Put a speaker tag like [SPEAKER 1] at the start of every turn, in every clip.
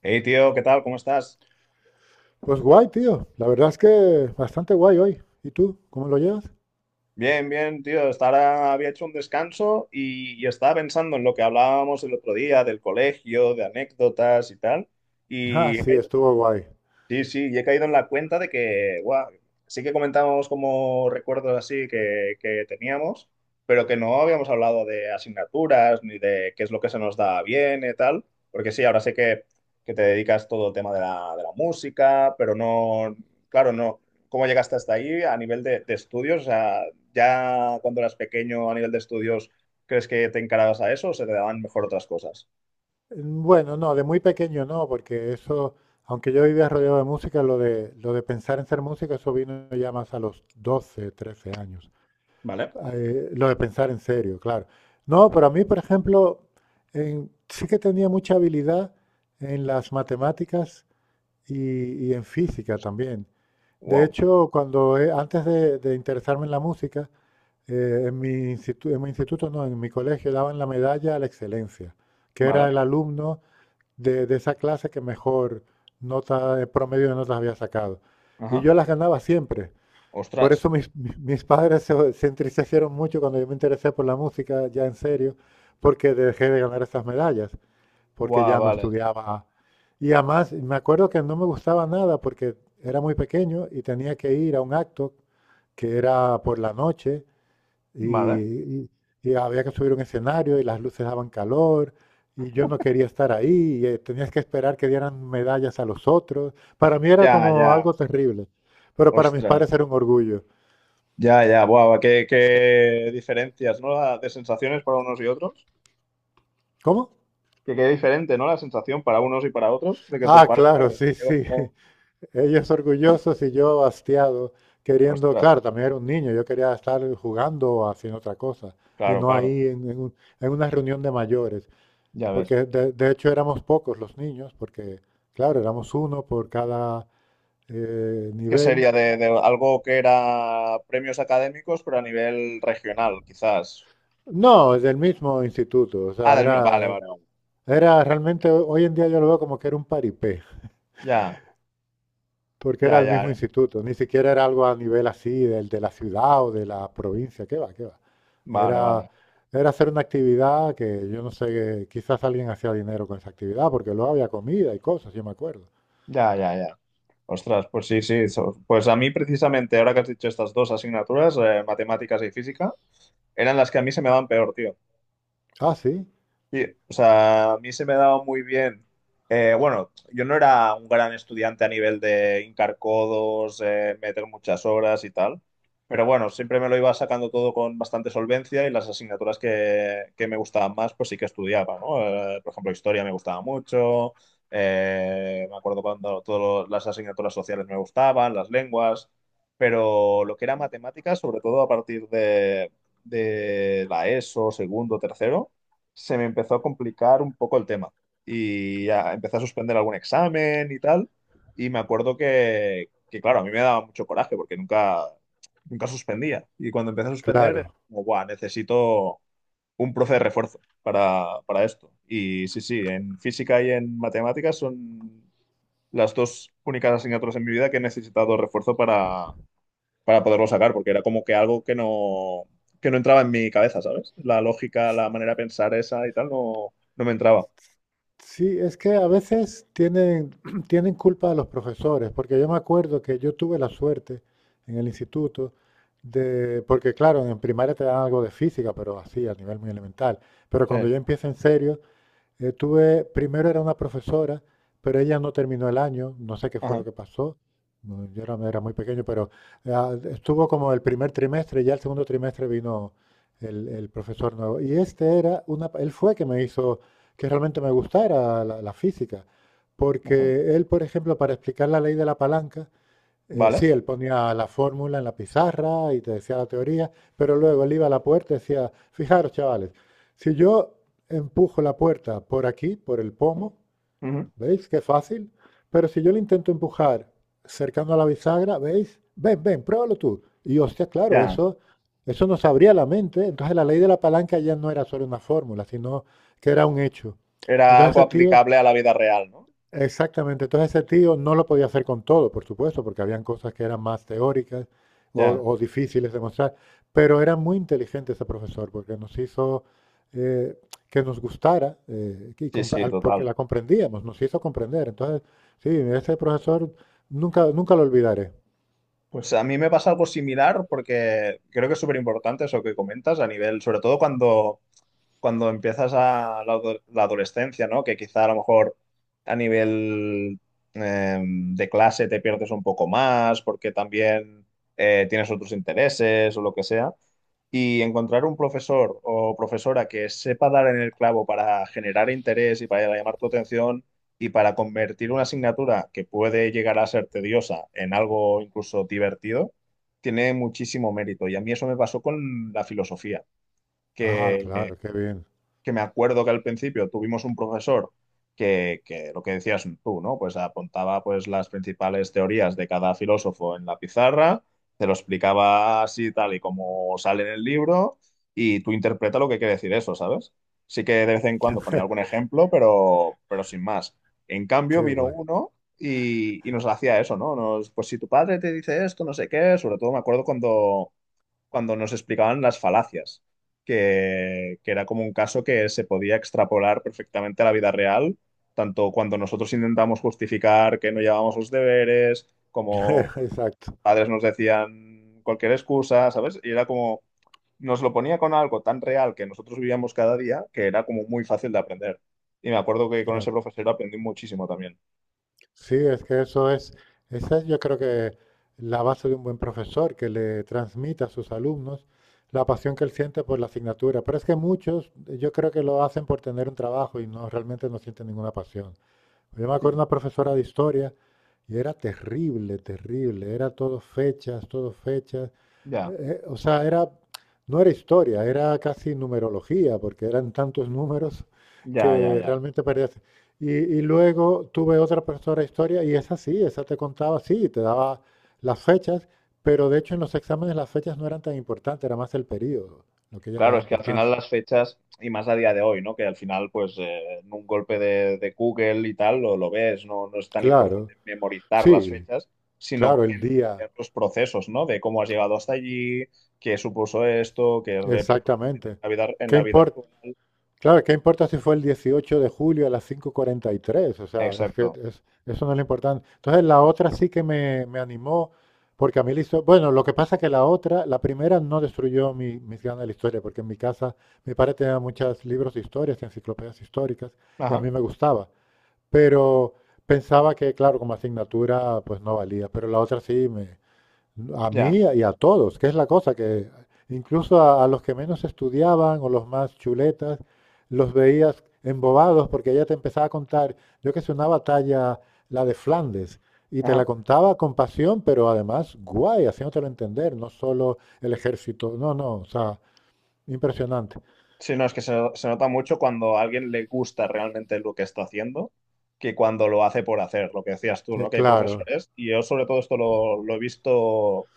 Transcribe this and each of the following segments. [SPEAKER 1] Hey, tío, ¿qué tal? ¿Cómo estás?
[SPEAKER 2] Pues guay, tío. La verdad es que bastante guay hoy. ¿Y tú? ¿Cómo lo llevas?
[SPEAKER 1] Bien, bien, tío. Hasta ahora había hecho un descanso y estaba pensando en lo que hablábamos el otro día del colegio, de anécdotas y tal.
[SPEAKER 2] Ah,
[SPEAKER 1] Y he
[SPEAKER 2] sí,
[SPEAKER 1] caído.
[SPEAKER 2] estuvo guay.
[SPEAKER 1] Sí, sí, y he caído en la cuenta de que, guau, sí que comentábamos como recuerdos así que teníamos, pero que no habíamos hablado de asignaturas ni de qué es lo que se nos da bien y tal, porque sí, ahora sé que te dedicas todo el tema de la música, pero no, claro, no, ¿cómo llegaste hasta ahí a nivel de estudios? O sea, ya cuando eras pequeño a nivel de estudios, ¿crees que te encarabas a eso o se te daban mejor otras cosas?
[SPEAKER 2] Bueno, no, de muy pequeño no, porque eso, aunque yo vivía rodeado de música, lo de pensar en ser músico, eso vino ya más a los 12, 13 años.
[SPEAKER 1] ¿Vale?
[SPEAKER 2] Lo de pensar en serio, claro. No, pero a mí, por ejemplo, sí que tenía mucha habilidad en las matemáticas y en física también. De
[SPEAKER 1] Wow,
[SPEAKER 2] hecho, cuando antes de interesarme en la música, en mi instituto no, en mi colegio daban la medalla a la excelencia, que era
[SPEAKER 1] ¿vale?
[SPEAKER 2] el alumno de esa clase que mejor nota, promedio de notas había sacado. Y
[SPEAKER 1] Ajá.
[SPEAKER 2] yo las ganaba siempre. Por
[SPEAKER 1] Ostras.
[SPEAKER 2] eso mis padres se entristecieron mucho cuando yo me interesé por la música, ya en serio, porque dejé de ganar esas medallas, porque
[SPEAKER 1] Guau,
[SPEAKER 2] ya no
[SPEAKER 1] vale.
[SPEAKER 2] estudiaba. Y además, me acuerdo que no me gustaba nada porque era muy pequeño y tenía que ir a un acto que era por la noche
[SPEAKER 1] Vale.
[SPEAKER 2] y, y- y había que subir un escenario y las luces daban calor y yo no quería estar ahí y tenías que esperar que dieran medallas a los otros. Para mí era
[SPEAKER 1] Ya,
[SPEAKER 2] como
[SPEAKER 1] ya,
[SPEAKER 2] algo terrible, pero para mis
[SPEAKER 1] ostras,
[SPEAKER 2] padres era un orgullo.
[SPEAKER 1] ya, ya, buah, qué, qué diferencias, ¿no? La- De sensaciones para unos y otros,
[SPEAKER 2] ¿Cómo?
[SPEAKER 1] que qué diferente, ¿no? La sensación para unos y para otros, de que tus
[SPEAKER 2] Ah,
[SPEAKER 1] padres, claro,
[SPEAKER 2] claro,
[SPEAKER 1] se
[SPEAKER 2] sí,
[SPEAKER 1] quedan
[SPEAKER 2] sí.
[SPEAKER 1] como,
[SPEAKER 2] Ellos orgullosos y yo hastiado, queriendo,
[SPEAKER 1] ostras,
[SPEAKER 2] claro, también era un niño, yo quería estar jugando o haciendo otra cosa y
[SPEAKER 1] claro,
[SPEAKER 2] no
[SPEAKER 1] claro,
[SPEAKER 2] ahí en una reunión de mayores,
[SPEAKER 1] ya ves.
[SPEAKER 2] porque de hecho éramos pocos los niños, porque claro, éramos uno por cada
[SPEAKER 1] ¿Qué
[SPEAKER 2] nivel.
[SPEAKER 1] sería de algo que era premios académicos, pero a nivel regional, quizás?
[SPEAKER 2] No, del mismo instituto, o
[SPEAKER 1] Ah,
[SPEAKER 2] sea,
[SPEAKER 1] del mi- vale, vale, vale.
[SPEAKER 2] era realmente, hoy en día yo lo veo como que era un paripé,
[SPEAKER 1] Ya,
[SPEAKER 2] porque era
[SPEAKER 1] ya,
[SPEAKER 2] el mismo
[SPEAKER 1] ya,
[SPEAKER 2] instituto, ni siquiera era algo a nivel así del de la ciudad o de la provincia, qué va, qué va.
[SPEAKER 1] vale,
[SPEAKER 2] Era,
[SPEAKER 1] vale,
[SPEAKER 2] era hacer una actividad que yo no sé, quizás alguien hacía dinero con esa actividad, porque luego había comida y cosas, yo me acuerdo.
[SPEAKER 1] ya, ya, ya. Ostras, pues sí, sí, so- pues a mí precisamente, ahora que has dicho estas dos asignaturas, matemáticas y física, eran las que a mí se me van peor, tío.
[SPEAKER 2] Ah, sí,
[SPEAKER 1] Sí, o sea, a mí se me daba muy bien. Bueno, yo no era un gran estudiante a nivel de hincar codos, meter muchas horas y tal, pero bueno, siempre me lo iba sacando todo con bastante solvencia y las asignaturas que me gustaban más, pues sí que estudiaba, ¿no? Por ejemplo, historia me gustaba mucho, me acuerdo cuando todas las asignaturas sociales me gustaban, las lenguas, pero lo que era matemáticas, sobre todo a partir de la ESO, segundo, tercero, se me empezó a complicar un poco el tema y ya empecé a suspender algún examen y tal. Y me acuerdo que, claro, a mí me daba mucho coraje porque nunca, nunca suspendía. Y cuando empecé a suspender, era
[SPEAKER 2] claro.
[SPEAKER 1] como, "Buah, necesito un profe de refuerzo para esto". Y sí, sí, en física y en matemáticas son las dos únicas asignaturas en mi vida que he necesitado refuerzo para poderlo sacar, porque era como que algo que no entraba en mi cabeza, ¿sabes? La lógica, la manera de pensar esa y tal, no, no me entraba.
[SPEAKER 2] Sí, es que a veces tienen, tienen culpa de los profesores, porque yo me acuerdo que yo tuve la suerte en el instituto de, porque claro, en primaria te dan algo de física, pero así, a nivel muy elemental, pero
[SPEAKER 1] Sí,
[SPEAKER 2] cuando yo empiezo en serio, tuve, primero era una profesora, pero ella no terminó el año, no sé qué fue
[SPEAKER 1] ajá,
[SPEAKER 2] lo que pasó, no, era muy pequeño, pero ah, estuvo como el primer trimestre, ya el segundo trimestre vino el profesor nuevo. Y este era una, él fue que me hizo que realmente me gustara la física,
[SPEAKER 1] ajá.
[SPEAKER 2] porque él, por ejemplo, para explicar la ley de la palanca, sí,
[SPEAKER 1] Vale.
[SPEAKER 2] él ponía la fórmula en la pizarra y te decía la teoría, pero luego él iba a la puerta y decía, fijaros, chavales, si yo empujo la puerta por aquí, por el pomo,
[SPEAKER 1] Ujú.
[SPEAKER 2] ¿veis qué fácil? Pero si yo le intento empujar cercano a la bisagra, ¿veis? Ven, ven, pruébalo tú. Y hostia, claro,
[SPEAKER 1] Ya.
[SPEAKER 2] eso nos abría la mente. Entonces la ley de la palanca ya no era solo una fórmula, sino que era un hecho.
[SPEAKER 1] Era
[SPEAKER 2] Entonces
[SPEAKER 1] algo
[SPEAKER 2] ese tío
[SPEAKER 1] aplicable a la vida real, ¿no?
[SPEAKER 2] exactamente, entonces ese tío no lo podía hacer con todo, por supuesto, porque habían cosas que eran más teóricas
[SPEAKER 1] Ya.
[SPEAKER 2] o difíciles de mostrar, pero era muy inteligente ese profesor porque nos hizo eh, que nos gustara, que
[SPEAKER 1] Sí,
[SPEAKER 2] compre-
[SPEAKER 1] sí,
[SPEAKER 2] al- porque
[SPEAKER 1] total.
[SPEAKER 2] la comprendíamos, nos hizo comprender. Entonces, sí, ese profesor nunca, nunca lo olvidaré.
[SPEAKER 1] Pues a mí me pasa algo similar porque creo que es súper importante eso que comentas a nivel, sobre todo cuando empiezas a la, ado- la adolescencia, ¿no? Que quizá a lo mejor a nivel de clase te pierdes un poco más porque también tienes otros intereses o lo que sea. Y encontrar un profesor o profesora que sepa dar en el clavo para generar interés y para llamar tu atención y para convertir una asignatura que puede llegar a ser tediosa en algo incluso divertido, tiene muchísimo mérito. Y a mí eso me pasó con la filosofía
[SPEAKER 2] Ah,
[SPEAKER 1] que
[SPEAKER 2] claro, qué bien,
[SPEAKER 1] que me acuerdo que al principio tuvimos un profesor que lo que decías tú, ¿no? Pues apuntaba pues las principales teorías de cada filósofo en la pizarra, te lo explicaba así tal y como sale en el libro y tú interpreta lo que quiere decir eso, ¿sabes? Sí que de vez en cuando ponía algún ejemplo, pero sin más. En cambio
[SPEAKER 2] qué
[SPEAKER 1] vino
[SPEAKER 2] guay.
[SPEAKER 1] uno y nos hacía eso, ¿no? Nos, pues si tu padre te dice esto, no sé qué, sobre todo me acuerdo cuando nos explicaban las falacias, que era como un caso que se podía extrapolar perfectamente a la vida real, tanto cuando nosotros intentamos justificar que no llevábamos los deberes, como
[SPEAKER 2] Exacto,
[SPEAKER 1] padres nos decían cualquier excusa, ¿sabes? Y era como, nos lo ponía con algo tan real que nosotros vivíamos cada día, que era como muy fácil de aprender. Y me acuerdo que con ese
[SPEAKER 2] claro.
[SPEAKER 1] profesor aprendí muchísimo también.
[SPEAKER 2] Sí, es que eso es, esa es yo creo que la base de un buen profesor, que le transmita a sus alumnos la pasión que él siente por la asignatura. Pero es que muchos, yo creo que lo hacen por tener un trabajo y no realmente no sienten ninguna pasión. Yo me acuerdo
[SPEAKER 1] Sí.
[SPEAKER 2] de una profesora de historia y era terrible, terrible. Era todo fechas, todo fechas.
[SPEAKER 1] Ya,
[SPEAKER 2] O sea, era, no era historia, era casi numerología, porque eran tantos números
[SPEAKER 1] ya, ya,
[SPEAKER 2] que
[SPEAKER 1] ya.
[SPEAKER 2] realmente parecía... Y, y luego tuve otra profesora de historia y esa sí, esa te contaba, sí, te daba las fechas, pero de hecho en los exámenes las fechas no eran tan importantes, era más el periodo, lo que ella le
[SPEAKER 1] Claro,
[SPEAKER 2] daba
[SPEAKER 1] es que al final
[SPEAKER 2] importancia.
[SPEAKER 1] las fechas, y más a día de hoy, ¿no? Que al final, pues, en un golpe de Google y tal, lo ves, no, no es tan importante
[SPEAKER 2] Claro,
[SPEAKER 1] memorizar las
[SPEAKER 2] sí,
[SPEAKER 1] fechas, sino
[SPEAKER 2] claro, el día,
[SPEAKER 1] entender los procesos, ¿no? De cómo has llegado hasta allí, qué supuso esto, qué repercusiones tiene
[SPEAKER 2] exactamente.
[SPEAKER 1] en
[SPEAKER 2] ¿Qué
[SPEAKER 1] la vida
[SPEAKER 2] importa?
[SPEAKER 1] actual.
[SPEAKER 2] Claro, ¿qué importa si fue el 18 de julio a las 5:43? O sea,
[SPEAKER 1] Exacto.
[SPEAKER 2] eso no es lo importante. Entonces, la otra sí que me animó, porque a mí bueno, lo que pasa es que la otra, la primera no destruyó mis ganas de la historia, porque en mi casa mi padre tenía muchos libros de historias, enciclopedias históricas, y a
[SPEAKER 1] Ajá,
[SPEAKER 2] mí me gustaba. Pero pensaba que, claro, como asignatura, pues no valía. Pero la otra sí me, a
[SPEAKER 1] ya.
[SPEAKER 2] mí y a todos, que es la cosa que incluso a los que menos estudiaban o los más chuletas, los veías embobados porque ella te empezaba a contar, yo que sé, una batalla, la de Flandes, y te la
[SPEAKER 1] Ajá.
[SPEAKER 2] contaba con pasión, pero además guay, haciéndotelo entender, no solo el ejército, no, no, o sea, impresionante.
[SPEAKER 1] Sí, no, es que se nota mucho cuando a alguien le gusta realmente lo que está haciendo que cuando lo hace por hacer, lo que decías tú,
[SPEAKER 2] Eh,
[SPEAKER 1] ¿no? Que hay
[SPEAKER 2] claro,
[SPEAKER 1] profesores, y yo sobre todo esto lo he visto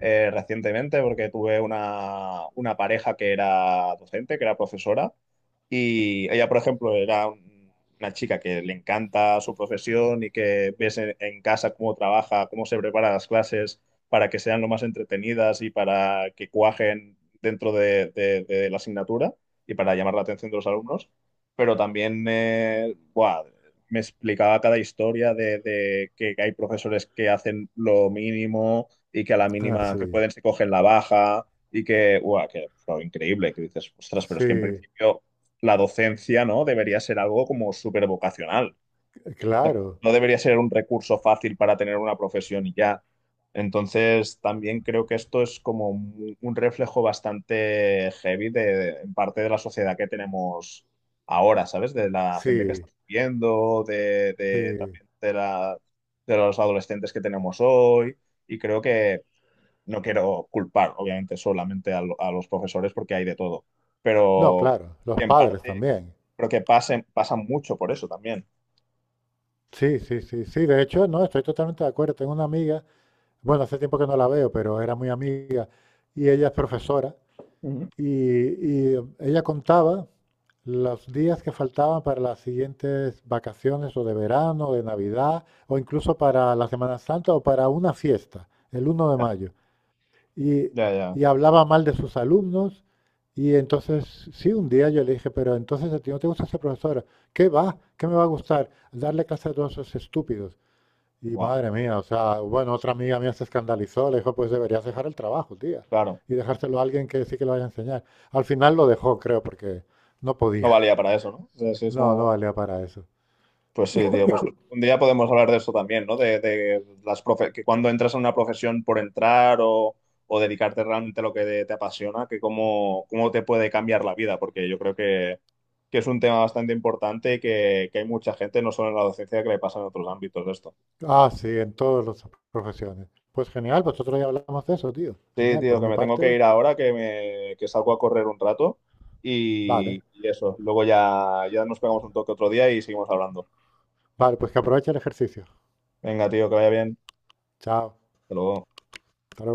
[SPEAKER 1] recientemente porque tuve una pareja que era docente, que era profesora, y ella, por ejemplo, era un- una chica que le encanta su profesión y que ves en casa cómo trabaja, cómo se prepara las clases para que sean lo más entretenidas y para que cuajen dentro de la asignatura y para llamar la atención de los alumnos. Pero también buah, me explicaba cada historia de que hay profesores que hacen lo mínimo y que a la
[SPEAKER 2] ah,
[SPEAKER 1] mínima que
[SPEAKER 2] sí,
[SPEAKER 1] pueden se cogen la baja y que, buah, que fue increíble, que dices, ostras, pero es que en
[SPEAKER 2] sí,
[SPEAKER 1] principio la docencia, ¿no? Debería ser algo como súper vocacional.
[SPEAKER 2] claro,
[SPEAKER 1] No debería ser un recurso fácil para tener una profesión y ya. Entonces, también creo que esto es como un reflejo bastante heavy de, en parte de la sociedad que tenemos ahora, ¿sabes? De la gente que
[SPEAKER 2] sí,
[SPEAKER 1] está viviendo, de-
[SPEAKER 2] sí.
[SPEAKER 1] también de la, de los adolescentes que tenemos hoy. Y creo que no quiero culpar, obviamente, solamente a, lo- a los profesores porque hay de todo.
[SPEAKER 2] No,
[SPEAKER 1] Pero
[SPEAKER 2] claro, los
[SPEAKER 1] en
[SPEAKER 2] padres
[SPEAKER 1] parte
[SPEAKER 2] también.
[SPEAKER 1] creo que pasan mucho por eso también.
[SPEAKER 2] Sí, sí, sí, sí. De hecho, no, estoy totalmente de acuerdo. Tengo una amiga, bueno, hace tiempo que no la veo, pero era muy amiga y ella es profesora
[SPEAKER 1] Ujú.
[SPEAKER 2] y ella contaba los días que faltaban para las siguientes vacaciones o de verano, de Navidad o incluso para la Semana Santa o para una fiesta, el uno de
[SPEAKER 1] Ya,
[SPEAKER 2] mayo. Y,
[SPEAKER 1] ya, ya.
[SPEAKER 2] y hablaba mal de sus alumnos y entonces, sí, un día yo le dije, pero entonces a ti no te gusta ser profesora. ¿Qué va? ¿Qué me va a gustar? Darle clase a todos esos estúpidos. Y
[SPEAKER 1] Wow,
[SPEAKER 2] madre mía, o sea, bueno, otra amiga mía se escandalizó, le dijo, pues deberías dejar el trabajo, tía,
[SPEAKER 1] claro.
[SPEAKER 2] y dejárselo a alguien que sí que lo vaya a enseñar. Al final lo dejó, creo, porque no
[SPEAKER 1] No
[SPEAKER 2] podía.
[SPEAKER 1] valía para eso, ¿no? O sea, sí es
[SPEAKER 2] No, no
[SPEAKER 1] como-
[SPEAKER 2] valía para eso.
[SPEAKER 1] Pues sí, tío, pues un día podemos hablar de eso también, ¿no? De las profe- que cuando entras en una profesión por entrar o dedicarte realmente a lo que te apasiona, que cómo, cómo te puede cambiar la vida, porque yo creo que es un tema bastante importante y que hay mucha gente, no solo en la docencia, que le pasa en otros ámbitos de esto.
[SPEAKER 2] Ah, sí, en todas las profesiones. Pues genial, vosotros ya hablamos de eso, tío.
[SPEAKER 1] Sí,
[SPEAKER 2] Genial,
[SPEAKER 1] tío,
[SPEAKER 2] por
[SPEAKER 1] que
[SPEAKER 2] mi
[SPEAKER 1] me tengo que
[SPEAKER 2] parte,
[SPEAKER 1] ir ahora, que, me, que salgo a correr un rato y,
[SPEAKER 2] vale.
[SPEAKER 1] y eso. Luego ya, ya nos pegamos un toque otro día y seguimos hablando.
[SPEAKER 2] Vale, pues que aproveche el ejercicio.
[SPEAKER 1] Venga, tío, que vaya bien.
[SPEAKER 2] Chao.
[SPEAKER 1] Hasta luego.
[SPEAKER 2] Hasta luego.